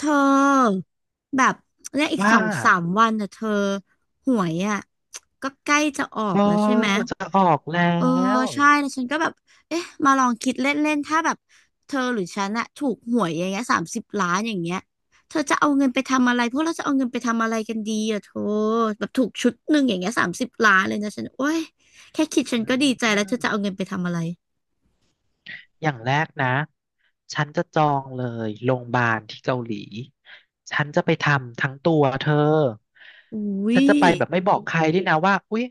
เธอแบบและอีกว่าสองสามวันน่ะเธอหวยอ่ะก็ใกล้จะออเอกอแล้วใช่ไหมจะออกแล้เออวใช่แล้วฉันก็แบบเอ๊ะมาลองคิดเล่นๆถ้าแบบเธอหรือฉันอะถูกหวยอย่างเงี้ยสามสิบล้านอย่างเงี้ยเธอจะเอาเงินไปทำอะไรพวกเราจะเอาเงินไปทำอะไรกันดีอะเธอแบบถูกชุดหนึ่งอย่างเงี้ยสามสิบล้านเลยนะฉันโอ้ยแค่คิดฉันอืก็ดีใจแล้วเธอมจะเอาเงินไปทำอะไรอย่างแรกนะฉันจะจองเลยโรงพยาบาลที่เกาหลีฉันจะไปทำทั้งตัวเธออุ้ฉันยจะไปแบบไม่บอกใครด้วยนะว่าอุ๊ย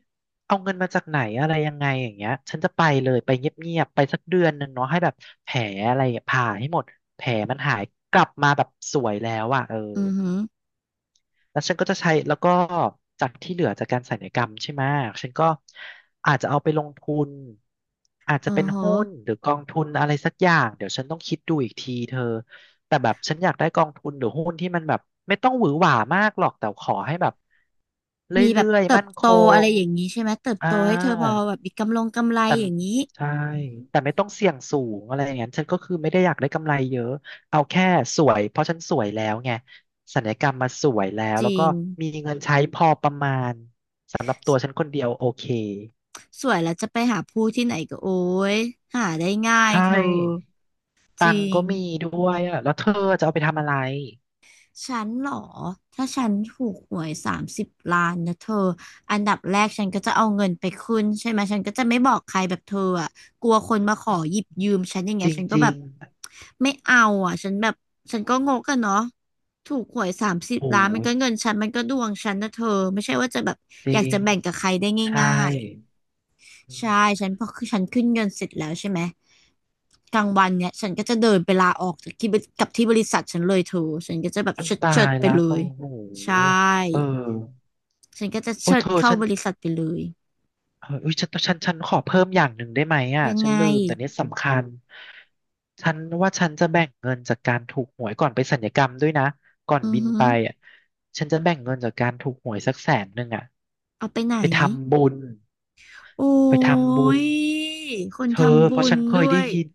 เอาเงินมาจากไหนอะไรยังไงอย่างเงี้ยฉันจะไปเลยไปเงียบๆไปสักเดือนหนึ่งเนาะให้แบบแผลอะไรผ่าให้หมดแผลมันหายกลับมาแบบสวยแล้วอ่ะเออ อือหือแล้วฉันก็จะใช้แล้วก็จากที่เหลือจากการสัญญกรรมใช่ไหมฉันก็อาจจะเอาไปลงทุนอาจอ๋จะอเป็นหุ้นฮะ หรือกองทุนอะไรสักอย่างเดี๋ยวฉันต้องคิดดูอีกทีเธอแต่แบบฉันอยากได้กองทุนหรือหุ้นที่มันแบบไม่ต้องหวือหวามากหรอกแต่ขอให้แบบเรมีแบื่บอยเติๆบมั่นคโตอะไรงอย่างนี้ใช่ไหมเติบอ่า โตให้เธอพอแบบมีกำลงกำไรแต่อย่างนี้ใช่แต่ไม่ต้องเสี่ยงสูงอะไรอย่างนั้นฉันก็คือไม่ได้อยากได้กำไรเยอะเอาแค่สวยเพราะฉันสวยแล้วไงศัลยกรรมมาสวยแล้วจแล้วริก็งมีเงินใช้พอประมาณสำหรับตัวฉันคนเดียวโอเคสวยแล้วจะไปหาผู้ที่ไหนก็โอ้ยหาได้ง่ายใช่เธอจตังริค์ง ก็มีด้วยอ่ะแล้วเธอจะเอาไปทำอะไรฉันเหรอถ้าฉันถูกหวยสามสิบล้านนะเธออันดับแรกฉันก็จะเอาเงินไปขึ้นใช่ไหมฉันก็จะไม่บอกใครแบบเธออะกลัวคนมาขออืมหยิบยืมฉันอย่างจเงี้ยฉันก็ริแบงบไม่เอาอ่ะฉันแบบฉันก็งกอะเนาะถูกหวยสามสิๆบโอ้ล้านมันยก็เงินฉันมันก็ดวงฉันนะเธอไม่ใช่ว่าจะแบบจอริยากจะงแบ่งกับใครได้ใช่ง่าย อืใช่มฉันพอคือฉันขึ้นเงินเสร็จแล้วใช่ไหมกลางวันเนี่ยฉันก็จะเดินไปลาออกจากที่บริกับที่บริษัทฉันเลยเธอฉันก็จะแบบเชิดตาเชิดยไปละเลโอ้ยโหใชเออ่ฉันก็จะโอ้เชิดเธอเข้าฉัน บริษัทไปเลยเอออุ๊ยฉันขอเพิ่มอย่างหนึ่งได้ไหมอ่ะยังฉัไงนลืมแต่เนี้ยสำคัญฉันว่าฉันจะแบ่งเงินจากการถูกหวยก่อนไปสัญญกรรมด้วยนะก่อนอือบินหือไปอ่ะฉันจะแบ่งเงินจากการถูกหวยสักแสนหนึ่งอ่ะเอาไปไหนไปทำบุญโอไป้ทำบุญยคนเธอทำบุเพราะญฉันเคด้ยวได้ยยิน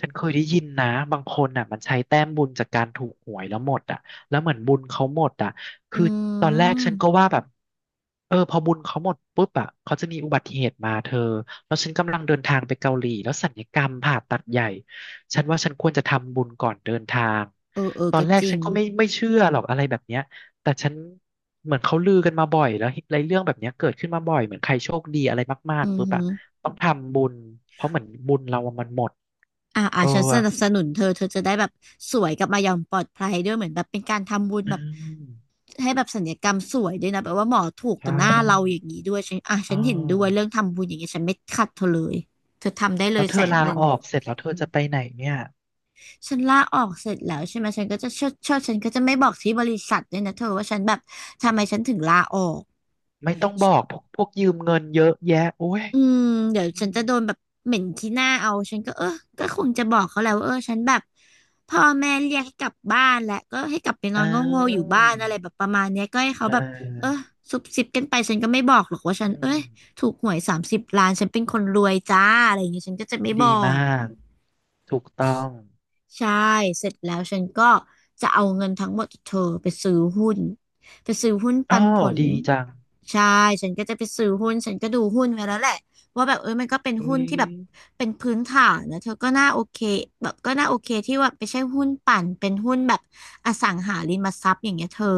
ฉันเคยได้ยินนะบางคนอ่ะมันใช้แต้มบุญจากการถูกหวยแล้วหมดอ่ะแล้วเหมือนบุญเขาหมดอ่ะ อืคือตอนแรกฉันก็มว่าแบบ เออพอบุญเขาหมดปุ๊บอ่ะเขาจะมีอุบัติเหตุมาเธอแล้วฉันกำลังเดินทางไปเกาหลีแล้วสัลยกรรมผ่าตัดใหญ่ฉันว่าฉันควรจะทำบุญก่อนเดินทางเออเออตอนก็แรจกริฉังนก็ไม่เชื่อหรอกอะไรแบบเนี้ยแต่ฉันเหมือนเขาลือกันมาบ่อยแล้วอะไรเรื่องแบบเนี้ยเกิดขึ้นมาบ่อยเหมือนใครโชคดีอะไรมาอืกๆอปุ๊บหือ่ะอต้องทำบุญเพราะเหมือนบุญเราอะมันหมดอ่าอ่าเอฉันสนับอสนุนเธอเธอจะได้แบบสวยกลับมาอย่างปลอดภัยด้วยเหมือนแบบเป็นการทำบุญอืแบบ มให้แบบศัลยกรรมสวยด้วยนะแบบว่าหมอถูกกัใช่บหน้าเราอย่างนี้ด้วยฉันอ่ะอ๋ฉัอนเห็นด้วยเรื่องทำบุญอย่างเงี้ยฉันไม่ขัดเธอเลยเธอทำได้เลแล้ยวเธแสอนลาหนึ่งออกเสร็จแล้วเธอจะไปไหนเนี่ย ฉันลาออกเสร็จแล้วใช่ไหมฉันก็จะเชิดเชิดฉันก็จะไม่บอกที่บริษัทด้วยนะเธอว่าฉันแบบทำไมฉันถึงลาออก ไม่ต้องบอกพวกยืมเงินเยอะแยะโอ้ยอืมเดี๋ยวอืฉันมจะโดนแบบเหม็นที่หน้าเอาฉันก็เออก็คงจะบอกเขาแหล้วาเออฉันแบบพ่อแม่เรียกให้กลับบ้านแหละก็ให้กลับไปนออ้านโง่ๆอวยู่บ้านอะไรแบบประมาณเนี้ยก็ให้เขาเอแบบเอออซุบซิบกันไปฉันก็ไม่บอกหรอกว่าฉันอืเอ้มยถูกหวยสามสิบล้านฉันเป็นคนรวยจ้าอะไรอย่างเงี้ยฉันก็จะไม่ดีบอมาก กถูกต้องใช่เสร็จแล้วฉันก็จะเอาเงินทั้งหมดจากเธอไปซื้อหุ้นไปซื้อหุ้นอ้อปันผลดีจังใช่ฉันก็จะไปซื้อหุ้นฉันก็ดูหุ้นไว้แล้วแหละว่าแบบเออมันก็เป็นอุ้หุ้นยที่แบบเป็นพื้นฐานนะเธอก็น่าโอเคแบบก็น่าโอเคที่ว่าไม่ใช่หุ้นปั่นเป็นหุ้นแบบอสังหาริมทรัพย์อย่างเงี้ยเธอ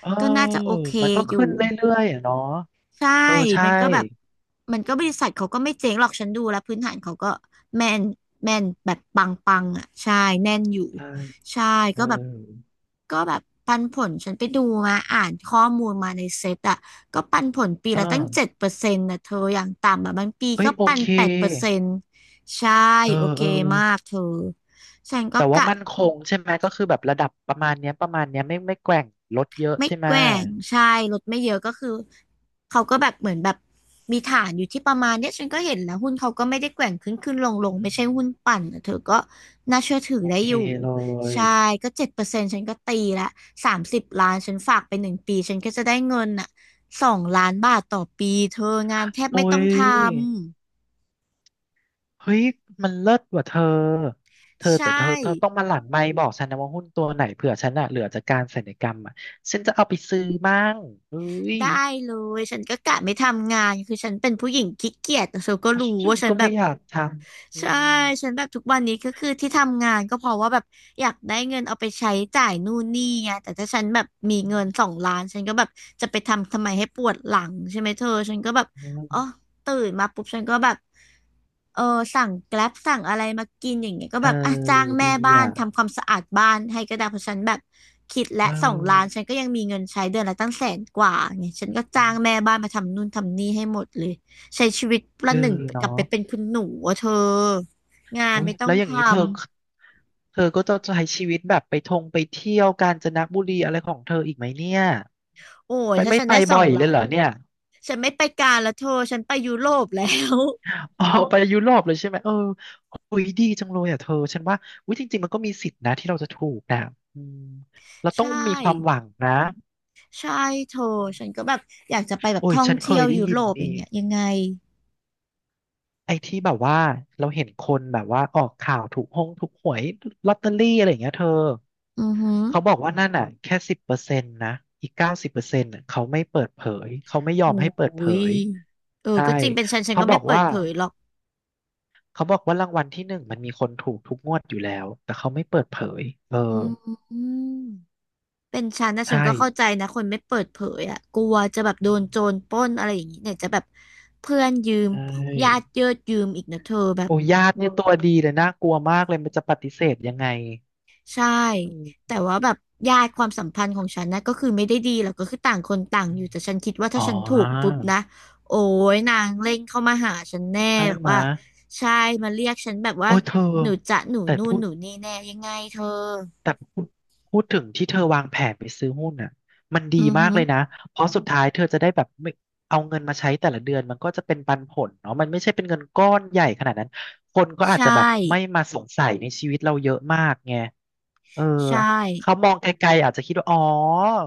เออก็น่าจะโอเคมันก็อยู่ ขึ้นเรื่อยๆอ่ะเนาะใช่ เออใช่มันก็แบบ มันก็บริษัทเขาก็ไม่เจ๊งหรอกฉันดูแล้วพื้นฐานเขาก็แม่นแม่นแบบปังปังอ่ะใช่แน่นอยู่ ใช่ใช่ เออก็แบบก็แบบปันผลฉันไปดูมาอ่านข้อมูลมาในเซ็ตอ่ะก็ปันผลปีอ่าละตั้งเจ็ดเปอร์เซ็นต์นะเธออย่างต่ำอ่ะบางปีเอ้ก็ยโอปันเค8%ใช่ เออโอเคเออมากเธอฉันก็แต่ว่ากะ มั่นคงใช่ไหมก็คือแบบระดับประมาณเนี้ยประมาณเนี้ยไม่แกว่งลดเยอะไม่ใช่ไหมแกว่งใช่ลดไม่เยอะก็คือเขาก็แบบเหมือนแบบมีฐานอยู่ที่ประมาณเนี้ยฉันก็เห็นแล้วหุ้นเขาก็ไม่ได้แกว่งขึ้นขึ้นลงลงอืไม่ใช่มหุ้นปั่นอะเธอก็น่าเชื่อถือโอได้เคอยู่เลย ใช่ก็เจ็ดเปอร์เซ็นต์ฉันก็ตีละสามสิบล้านฉันฝากไป1 ปีฉันก็จะได้เงินอ่ะ2 ล้านบาทต่อปีเธองานแทบโอ้ไม่ต้องยทำเฮ้ย มันเลิศกว่าเธอเธอใช่แต่เธอเธอต้องมาหลั่นไมค์บอกฉันนะว่าหุ้นตัวไหนเผื่อฉันอะเหลือจากการศัลยกรรมอะฉันจะเอาไปซื้อมั่งเอ้ยได้เลยฉันก็กะไม่ทำงานคือฉันเป็นผู้หญิงขี้เกียจแต่เธอก็เพราะรู้ฉันว่าฉันก็แบไม่บ อยากทำอืใช่ฉัมนแบบทุกวันนี้ก็คือที่ทำงานก็เพราะว่าแบบอยากได้เงินเอาไปใช้จ่ายนู่นนี่ไงแต่ถ้าฉันแบบมีอืเงินสองล้านฉันก็แบบจะไปทำทำไมให้ปวดหลังใช่ไหมเธอฉันก็แบบมอ๋อตื่นมาปุ๊บฉันก็แบบเออสั่งแกร็บสั่งอะไรมากินอย่างเงี้ยก็เอแบอบอ่ะจ้างแม่ดีบ้านทำอ่ะความสะอาดบ้านให้ก็ได้เพราะฉันแบบคิดเและสองล้านออฉันก็ยังมีเงินใช้เดือนละตั้งแสนกว่าไงฉันก็จ้างแม่บ้านมาทำนู่นทำนี่ให้หมดเลย ใช้ชีวิตปเอระอหนึ่งกเนาะลับไปเป็นคุณหนูอะเธองานโอ้ยไม่ต้อแล้งวอย่างนี้ทำเธอ เธอก็จะใช้ชีวิตแบบไปทงไปเที่ยวกาญจนบุรีอะไรของเธออีกไหมเนี่ย โอ้ยไปถ้าไม่ฉันไปได้สอบ่งอยเลล้ายนเหรอเนี่ย ฉันไม่ไปกาลแล้วเธอฉันไปยุโรปแล้ว อ๋อไปยุโรปเลยใช่ไหมเออคุยดีจังเลยอ่ะเธอฉันว่าวิจริงๆมันก็มีสิทธินะที่เราจะถูกนะอืม เราใชต้องมีความห่วังนะใช่เธอฉันก็แบบอยากจะไปแบบโอ้ยท่องฉันเคเที่ยยวได้ยุยิโรนปอย่านี่งเงี้ยยังไงไอ้ที่แบบว่าเราเห็นคนแบบว่าออกข่าวถูกห้องถูกหวยลอตเตอรี่อะไรอย่างเงี้ยเธออือหือเขาบอกว่านั่นอ่ะแค่สิบเปอร์เซ็นต์นะอีก90%เขาไม่เปิดเผยเขาไม่ยอมให้เปิโอ้ดเผยยเออใช่ก็จริงเป็นฉันเขาก็บไม่อกเปิดว่าเผยหรอกเขาบอกว่ารางวัลที่หนึ่งมันมีคนถูกทุกงวดอยู่แล้วแต่เขาไม่เปิดเผยเออ อืม เป็นฉันนะฉัใช่นก็เข้าใจนะคนไม่เปิดเผยอ่ะกลัวจะแบบโดนโจรปล้นอะไรอย่างนี้เนี่ยจะแบบเพื่อนยืมใชญา่ติเยืดยืมอีกนะเธอแบบโอ้ญาติเนี่ยตัวดีเลยน่ากลัวมากเลยมันจะปฏิเสธยังไงใช่อืมแต่ว่าแบบญาติความสัมพันธ์ของฉันนะก็คือไม่ได้ดีหรอกก็คือต่างคนต่างอยู่แต่ฉันคิดว่าอ๋อถ้าฉันถูกปุ๊บนะโอ้ยนางเร่งเข้ามาหาฉันแน่ใช่แบบไหมะว่าใช่มาเรียกฉันแบบว่าโอ้ยเธอหนูจะหนูแต่นู่พูนหด นูนี่แน่ยังไงเธอแต่พูดพูดถึงที่เธอวางแผนไปซื้อหุ้นน่ะมันดีอือมาฮึกเลยนะ เพราะสุดท้ายเธอจะได้แบบไม่เอาเงินมาใช้แต่ละเดือนมันก็จะเป็นปันผลเนาะมันไม่ใช่เป็นเงินก้อนใหญ่ขนาดนั้น คนก็อาจจะแบบใช่ไม่มาสงสัยในชีวิตเราเยอะมากไงเออใช่เขามองไกลๆอาจจะคิดว่าอ๋อ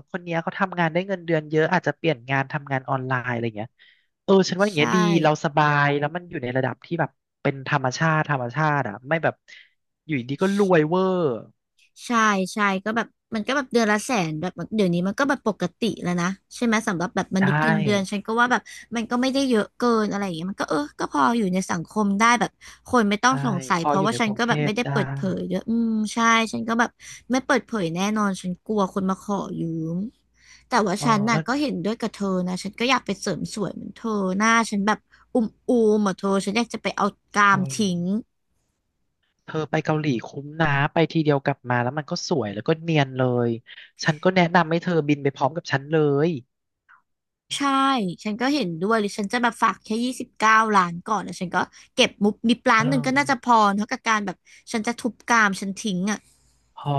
คนเนี้ยเขาทำงานได้เงินเดือนเยอะอาจจะเปลี่ยนงานทำงานออนไลน์อะไรเงี้ยเออ ฉันว่าอย่างเงี้ใช่ ยดีเราสบายแล้วมันอยู่ในระดับที่แบบเป็นธรรมชาติธรรมชาติอ่ะไม่แบบอยู่ดีก็รวยเวอร์ ใช่ใช่ก็แบบมันก็แบบเดือนละแสนแบบเดี๋ยวนี้มันก็แบบปกติแล้วนะใช่ไหมสำหรับแบบมใช่นุษย์เงินเดือนฉันก็ว่าแบบมันก็ไม่ได้เยอะเกินอะไรอย่างเงี้ยมันก็เออก็พออยู่ในสังคมได้แบบคนไม่ต้องใช่สงสัยพอเพอราะยู่ว่าในฉักนรุงก็เทแบบพไม่ได้ได้เปิดเผยด้วยอืมใช่ฉันก็แบบไม่เปิดเผยแน่นอนฉันกลัวคนมาขอยืมแต่ว่าอ๋อฉันน่ะแล้วก็เห็นด้วยกับเธอนะฉันก็อยากไปเสริมสวยเหมือนเธอหน้าฉันแบบอุ้มอูมเหมือนเธอฉันอยากจะไปเอากราโอ้มยทิ้ง เธอไปเกาหลีคุ้มนะไปทีเดียวกลับมาแล้วมันก็สวยแล้วก็เนียนเลยฉันก็แนะนำให้เธอบินไปพร้อมกับฉันเลยใช่ ฉันก็เห็นด้วยหรือฉันจะแบบฝากแค่29 ล้านก่อนแล้วฉันก็เก็บมุบมิบล้าเอนหนึ่งก็น่าจะพอ อเท่ากับการแบบฉันจะทุบกามฉันทิ้งอ่ะ พอ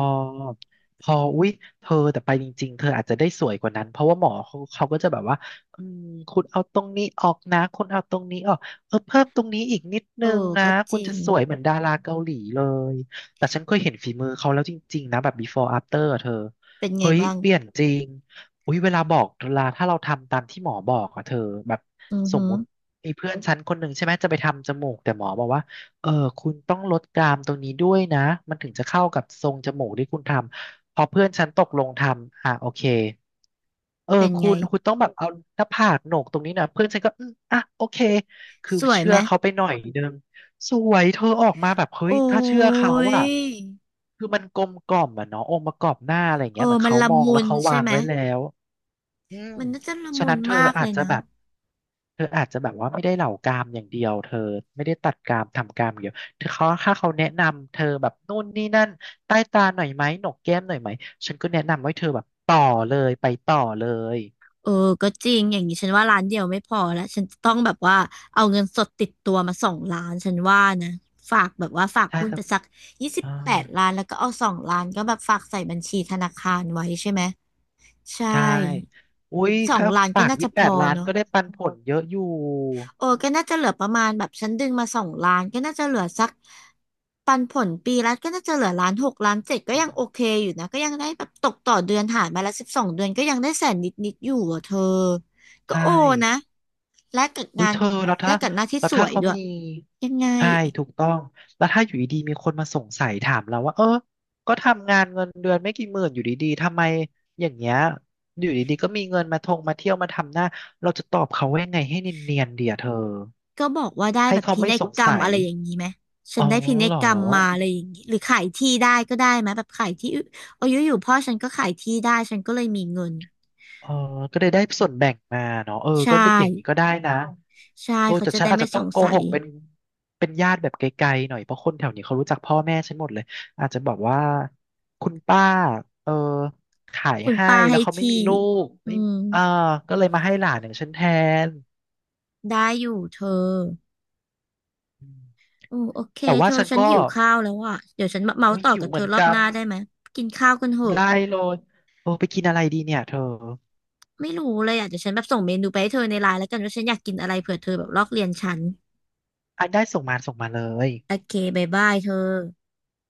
พออุ๊ยเธอแต่ไปจริงๆเธออาจจะได้สวยกว่านั้นเพราะว่าหมอเขาก็จะแบบว่าอืมคุณเอาตรงนี้ออกนะคุณเอาตรงนี้ออกเออเพิ่มตรงนี้อีกนิดเอนึอ งนะก็จคุณริจะง สวยเหมือนดาราเกาหลีเลยแต่ฉันเคยเห็นฝีมือเขาแล้วจริงๆนะแบบ before after อะเธอเป็นไงเฮ้ยบ้าง เปลี่ยนจริงอุ๊ยเวลาบอกเวลาถ้าเราทำตามที่หมอบอกอะเธอแบบอือสมหือมุติมีเพื่อนฉันคนหนึ่งใช่ไหมจะไปทำจมูกแต่หมอบอกว่า เออคุณต้องลดกรามตรงนี้ด้วยนะมันถึงจะเข้ากับทรงจมูกที่คุณทำพอเพื่อนฉันตกลงทำอ่ะโอเคเออเป็นคุไง ณคุณต้องแบบเอาหน้าผากโหนกตรงนี้นะเพื่อนฉันก็อืมอ่ะโอเคคือสวยเชื่ไหอม เขาไปหน่อยนึงสวยเธอออกมาแบบเฮ้ยโอ้ถ้าเชื่อเขายอะคือมันกลมกล่อมอะเนาะองค์ประกอบหน้าอะไรอย่างเอเงี้ยเหอ มือนมันเขาละมองมุแล้วนเขาใช่วางไหม ไว้แล้ว อืมมันน่าจะละฉะมุนั้นนเธอมากอาเลจยจะนะ แบบเธออาจจะแบบว่าไม่ได้เหล่ากามอย่างเดียวเธอไม่ได้ตัดกามทำกามอย่างเดียวเธอเขาถ้าเขาแนะนำเธอแบบนู่นนี่นั่นใต้ตาหน่อยไหมหนกแก้มหน่อยไหมฉันก็แนะนำว่าเธอแบบต่อเลยไปต่อเลยเออก็จริงอย่างนี้ฉันว่าร้านเดียวไม่พอแล้วฉันจะต้องแบบว่าเอาเงินสดติดตัวมาสองล้านฉันว่านะฝากแบบว่าฝากใช่หุ้นจะไปสักยี่สิบอ่าแปดล้านแล้วก็เอาสองล้านก็แบบฝากใส่บัญชีธนาคารไว้ใช่ไหมใชใช่่อุ้ยสองค่าล้านก็ฝากน่ายี่จะสิบพแปดอล้านเนาะ ก็ได้ปันผลเยอะอยู่เออก็น่าจะเหลือประมาณแบบฉันดึงมาสองล้านก็น่าจะเหลือสักปันผลปีละก็น่าจะเหลือล้านหกล้านเจ็ดก็ยังโอเคอยู่นะก็ยังได้แบบตกต่อเดือนหารมาละ12 เดือนก็ยังได้แสนนิดอยู่อ่ะเธอก็ใช่ โอนะและกับอุ้งายนเธอแล้วและถ้ากับหน้าที่แล้วสถ้าวยเขาด้วยมียังไงใช่ถูกต้องแล้วถ้าอยู่ดีๆมีคนมาสงสัยถามเราว่าเออก็ทำงานเงินเดือนไม่กี่หมื่นอยู่ดีๆทำไมอย่างเงี้ยอยู่ดีๆก็มีเงินมาทงมาเที่ยวมาทำหน้าเราจะตอบเขาว่ายังไงให้เนียนๆเดียเธอก็บอกว่าได้ให้แบบเขาพิไม่นัยสงกรรมสัยอะไรอย่างนี้ไหมฉัอ๋นอได้พินัยเหรอ กรรมมาอะไรอย่างนี้หรือขายที่ได้ก็ได้ไหมแบบขายที่ออายุอยู่ๆพ่อฉันก็ขายที่ได้ฉันก็เลยมีเงินเออก็ได้ได้ส่วนแบ่งมาเนาะเออใช่ ก็ได้อย่างนี้ก็ได้นะใช่โอ้เขาแต่จะฉันได้อาจไม่จะสต้องงโกสัหยกเป็นญาติแบบไกลๆหน่อย เพราะคนแถวนี้เขารู้จักพ่อแม่ฉันหมดเลย อาจจะบอกว่าคุณป้าเออขายคุณให้ ป้าแล้ให้วเขาไม่มีที่ลูกอืไม่มเอ่าก็เลยมาให้หลานอย่างฉันแทนได้อยู่เธออืมโอ้โอเคแต่เธว่าอฉันฉันก็หิวข้าวแล้วอ่ะเดี๋ยวฉันมาเมาส์โอ้ยต่อหิวกับเหเธมืออนรอบกัหน น้าได้ไหมกินข้าวกันเถอะได้เลยโอ้ไปกินอะไรดีเนี่ยเธอไม่รู้เลยอ่ะเดี๋ยวฉันแบบส่งเมนูไปให้เธอในไลน์แล้วกันว่าฉันอยากกินอะไรเผื่อเธอแบบลอกเรียนฉันอ่ะได้ส่งมาส่งมาเลยโอเคบายบายเธอ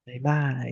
บ๊ายบาย